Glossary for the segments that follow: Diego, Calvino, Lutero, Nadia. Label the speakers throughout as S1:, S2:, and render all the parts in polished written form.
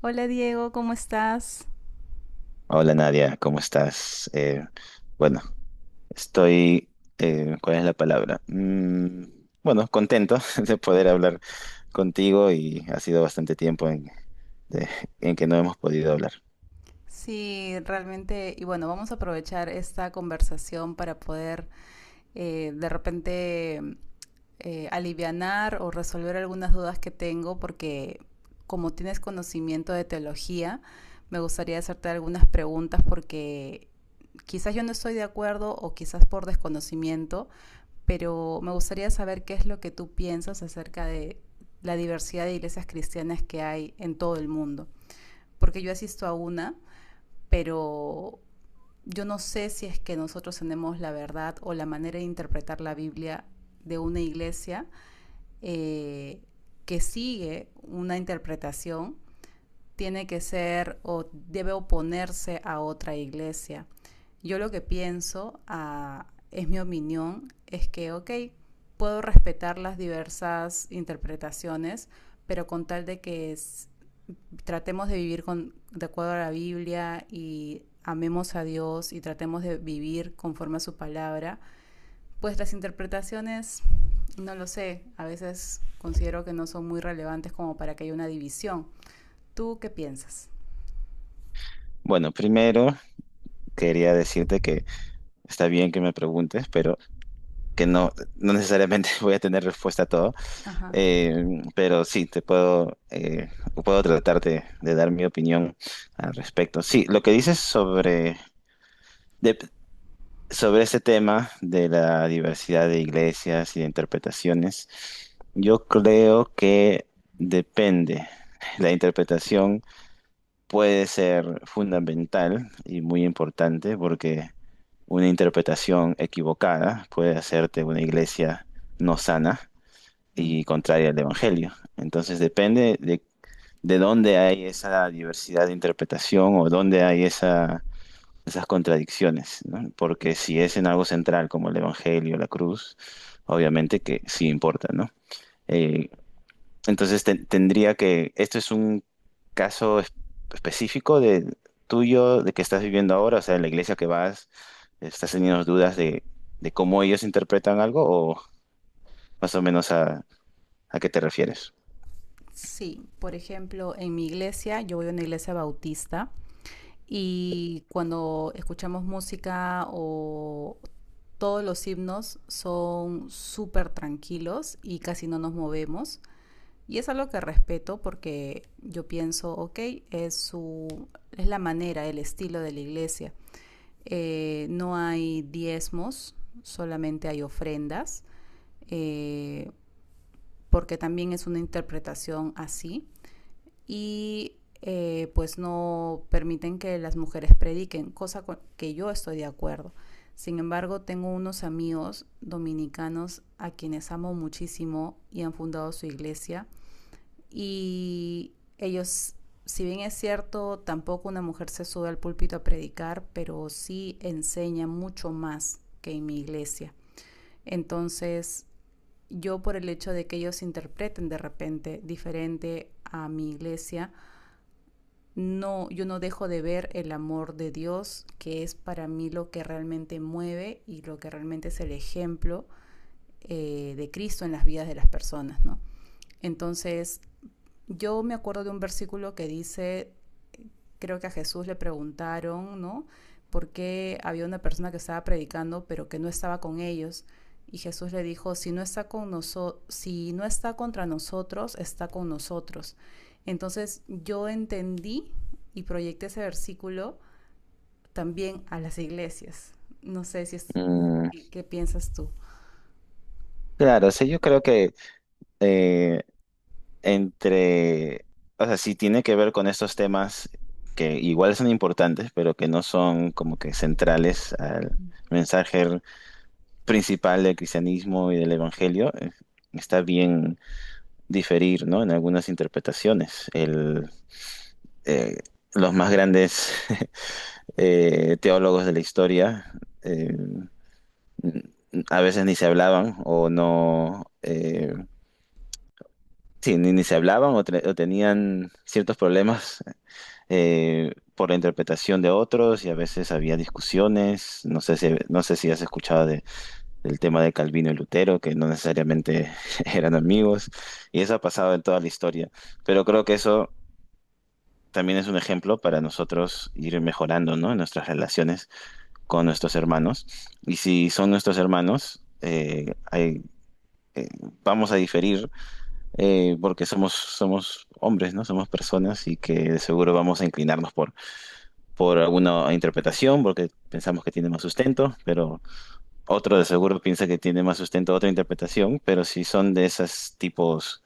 S1: Hola Diego, ¿cómo estás?
S2: Hola Nadia, ¿cómo estás? Bueno, estoy, ¿cuál es la palabra? Bueno, contento de poder hablar contigo y ha sido bastante tiempo en, de- en que no hemos podido hablar.
S1: Sí, realmente, y bueno, vamos a aprovechar esta conversación para poder de repente alivianar o resolver algunas dudas que tengo, porque como tienes conocimiento de teología, me gustaría hacerte algunas preguntas porque quizás yo no estoy de acuerdo o quizás por desconocimiento, pero me gustaría saber qué es lo que tú piensas acerca de la diversidad de iglesias cristianas que hay en todo el mundo. Porque yo asisto a una, pero yo no sé si es que nosotros tenemos la verdad o la manera de interpretar la Biblia de una iglesia eh, que sigue una interpretación, tiene que ser o debe oponerse a otra iglesia. Yo lo que pienso, ah, es mi opinión, es que, ok, puedo respetar las diversas interpretaciones, pero con tal de que tratemos de vivir con, de acuerdo a la Biblia y amemos a Dios y tratemos de vivir conforme a su palabra, pues las interpretaciones, no lo sé, a veces considero que no son muy relevantes como para que haya una división. ¿Tú qué piensas?
S2: Bueno, primero quería decirte que está bien que me preguntes, pero que no necesariamente voy a tener respuesta a todo.
S1: Ajá.
S2: Pero sí, te puedo, puedo tratarte de dar mi opinión al respecto. Sí, lo que dices sobre sobre ese tema de la diversidad de iglesias y de interpretaciones, yo creo que depende. La interpretación puede ser fundamental y muy importante porque una interpretación equivocada puede hacerte una iglesia no sana
S1: Mm.
S2: y contraria al Evangelio. Entonces depende de dónde hay esa diversidad de interpretación o dónde hay esa esas contradicciones, ¿no? Porque si es en algo central como el Evangelio, la cruz, obviamente que sí importa, ¿no? Eh, entonces tendría que, esto es un caso específico de tuyo, de que estás viviendo ahora, o sea, en la iglesia que vas, estás teniendo dudas de cómo ellos interpretan algo o más o menos a qué te refieres.
S1: Sí, por ejemplo, en mi iglesia, yo voy a una iglesia bautista y cuando escuchamos música o todos los himnos son súper tranquilos y casi no nos movemos. Y es algo que respeto porque yo pienso, ok, es, su, es la manera, el estilo de la iglesia. No hay diezmos, solamente hay ofrendas, eh, porque también es una interpretación así. Y pues no permiten que las mujeres prediquen, cosa con que yo estoy de acuerdo. Sin embargo, tengo unos amigos dominicanos a quienes amo muchísimo y han fundado su iglesia y ellos, si bien es cierto, tampoco una mujer se sube al púlpito a predicar, pero sí enseña mucho más que en mi iglesia. Entonces, yo por el hecho de que ellos interpreten de repente diferente a mi iglesia, no, yo no dejo de ver el amor de Dios, que es para mí lo que realmente mueve y lo que realmente es el ejemplo de Cristo en las vidas de las personas, ¿no? Entonces, yo me acuerdo de un versículo que dice, creo que a Jesús le preguntaron, ¿no? ¿Por qué había una persona que estaba predicando pero que no estaba con ellos? Y Jesús le dijo, si no está con noso, si no está contra nosotros, está con nosotros. Entonces yo entendí y proyecté ese versículo también a las iglesias. No sé si es
S2: Mm,
S1: qué, qué piensas tú.
S2: claro, o sea, yo creo que eh, entre, o sea, sí tiene que ver con estos temas que igual son importantes, pero que no son como que centrales al mensaje principal del cristianismo y del evangelio. Está bien diferir, ¿no? En algunas interpretaciones. Eh, los más grandes teólogos de la historia eh, a veces ni se hablaban o no, sí, ni se hablaban o, o tenían ciertos problemas por la interpretación de otros y a veces había discusiones. No sé si has escuchado del tema de Calvino y Lutero, que no necesariamente eran amigos, y eso ha pasado en toda la historia. Pero creo que eso también es un ejemplo para nosotros ir mejorando, ¿no?, nuestras relaciones con nuestros hermanos. Y si son nuestros hermanos, vamos a diferir, porque somos hombres, ¿no? Somos personas y que de seguro vamos a inclinarnos por alguna interpretación, porque pensamos que tiene más sustento, pero otro de seguro piensa que tiene más sustento otra interpretación, pero si son de esos tipos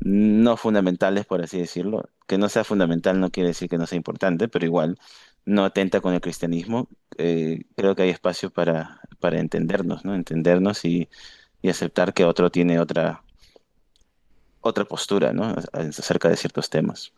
S2: no fundamentales, por así decirlo, que no sea fundamental no quiere decir que no sea importante, pero igual no atenta con el cristianismo. Creo que hay espacio para entendernos, ¿no? Entendernos y aceptar que otro tiene otra postura, ¿no? Acerca de ciertos temas.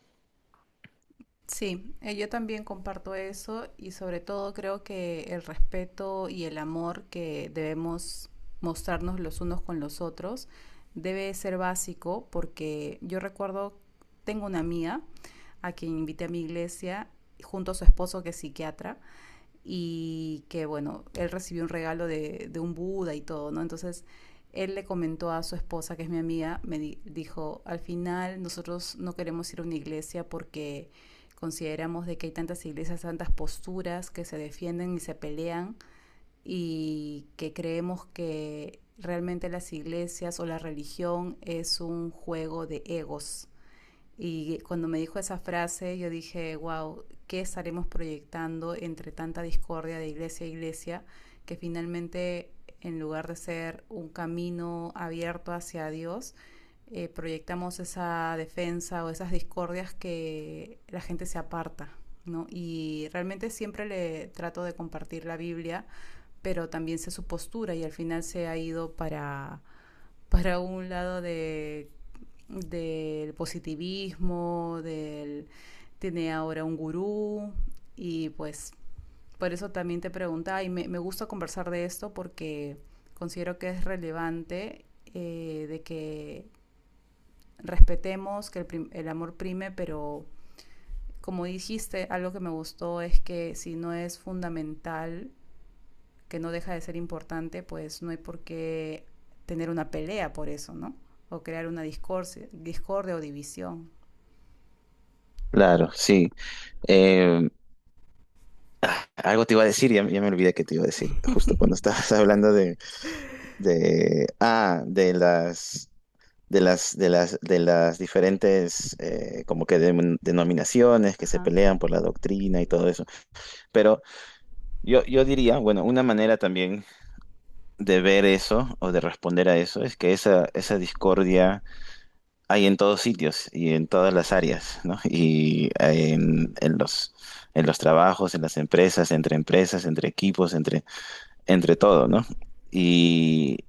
S1: Sí, yo también comparto eso y sobre todo creo que el respeto y el amor que debemos mostrarnos los unos con los otros debe ser básico porque yo recuerdo, tengo una amiga a quien invité a mi iglesia junto a su esposo que es psiquiatra y que bueno, él recibió un regalo de un Buda y todo, ¿no? Entonces él le comentó a su esposa, que es mi amiga, dijo, al final nosotros no queremos ir a una iglesia porque consideramos de que hay tantas iglesias, tantas posturas que se defienden y se pelean y que creemos que realmente las iglesias o la religión es un juego de egos y cuando me dijo esa frase, yo dije, wow, ¿qué estaremos proyectando entre tanta discordia de iglesia a iglesia? Que finalmente, en lugar de ser un camino abierto hacia Dios, proyectamos esa defensa o esas discordias que la gente se aparta. ¿No? Y realmente siempre le trato de compartir la Biblia, pero también sé su postura y al final se ha ido para un lado de del positivismo, del tiene ahora un gurú y pues por eso también te preguntaba y me gusta conversar de esto porque considero que es relevante de que respetemos que el, prim, el, amor prime, pero como dijiste, algo que me gustó es que si no es fundamental, que no deja de ser importante, pues no hay por qué tener una pelea por eso, ¿no? O crear una discordia, discordia o división.
S2: Claro, sí. Eh, Algo te iba a decir, ya me olvidé que te iba a decir, justo cuando estabas hablando de, ah, de las, de las, de las, de las diferentes, como que denominaciones que se
S1: Ajá.
S2: pelean por la doctrina y todo eso. Pero yo diría, bueno, una manera también de ver eso o de responder a eso es que esa discordia hay en todos sitios y en todas las áreas, ¿no? Y en los trabajos, en las empresas, entre equipos, entre todo, ¿no? Y,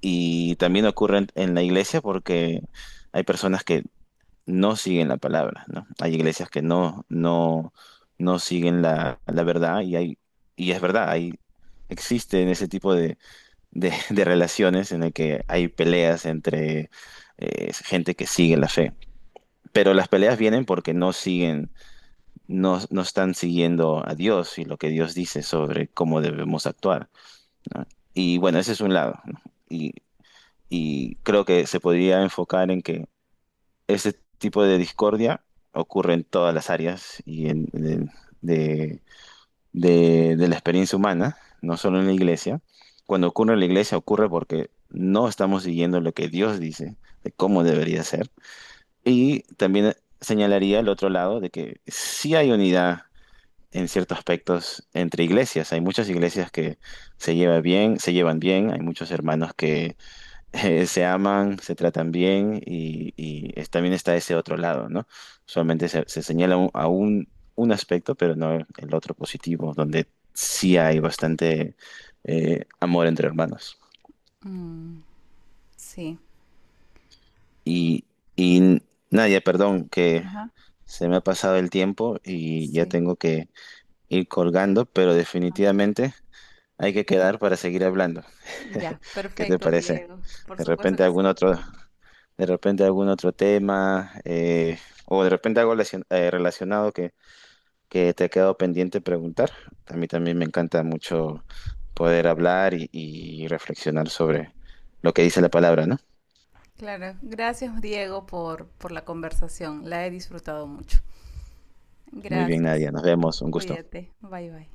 S2: y también ocurre en la iglesia porque hay personas que no siguen la palabra, ¿no? Hay iglesias que no siguen la verdad y hay, y es verdad, hay, existen ese tipo de relaciones en el que hay peleas entre gente que sigue la fe. Pero las peleas vienen porque no siguen, no, no están siguiendo a Dios y lo que Dios dice sobre cómo debemos actuar, ¿no? Y bueno, ese es un lado, ¿no? Y, y creo que se podría enfocar en que ese tipo de discordia ocurre en todas las áreas y en, de- de la experiencia humana, no solo en la iglesia. Cuando ocurre en la iglesia ocurre porque no estamos siguiendo lo que Dios dice de cómo debería ser. Y también señalaría el otro lado de que sí hay unidad en ciertos aspectos entre iglesias. Hay muchas iglesias que se llevan bien, hay muchos hermanos que se aman, se tratan bien y, también está ese otro lado, ¿no? Solamente se señala un- a un, un aspecto, pero no el otro positivo, donde sí hay bastante amor entre hermanos.
S1: Mm, sí.
S2: Y, y Nadia, perdón, que
S1: Ajá.
S2: se me ha pasado el tiempo y ya
S1: Sí.
S2: tengo que ir colgando, pero definitivamente hay que quedar para seguir hablando.
S1: Ya,
S2: ¿Qué te
S1: perfecto,
S2: parece?
S1: Diego. Por
S2: De
S1: supuesto
S2: repente
S1: que
S2: algún
S1: sí.
S2: otro, de repente algún otro tema, o de repente algo relacionado que te ha quedado pendiente preguntar. A mí también me encanta mucho poder hablar y reflexionar sobre lo que dice la palabra, ¿no?
S1: Claro. Gracias, Diego, por la conversación. La he disfrutado mucho.
S2: Muy bien,
S1: Gracias.
S2: Nadia. Nos vemos. Un gusto.
S1: Cuídate. Bye, bye.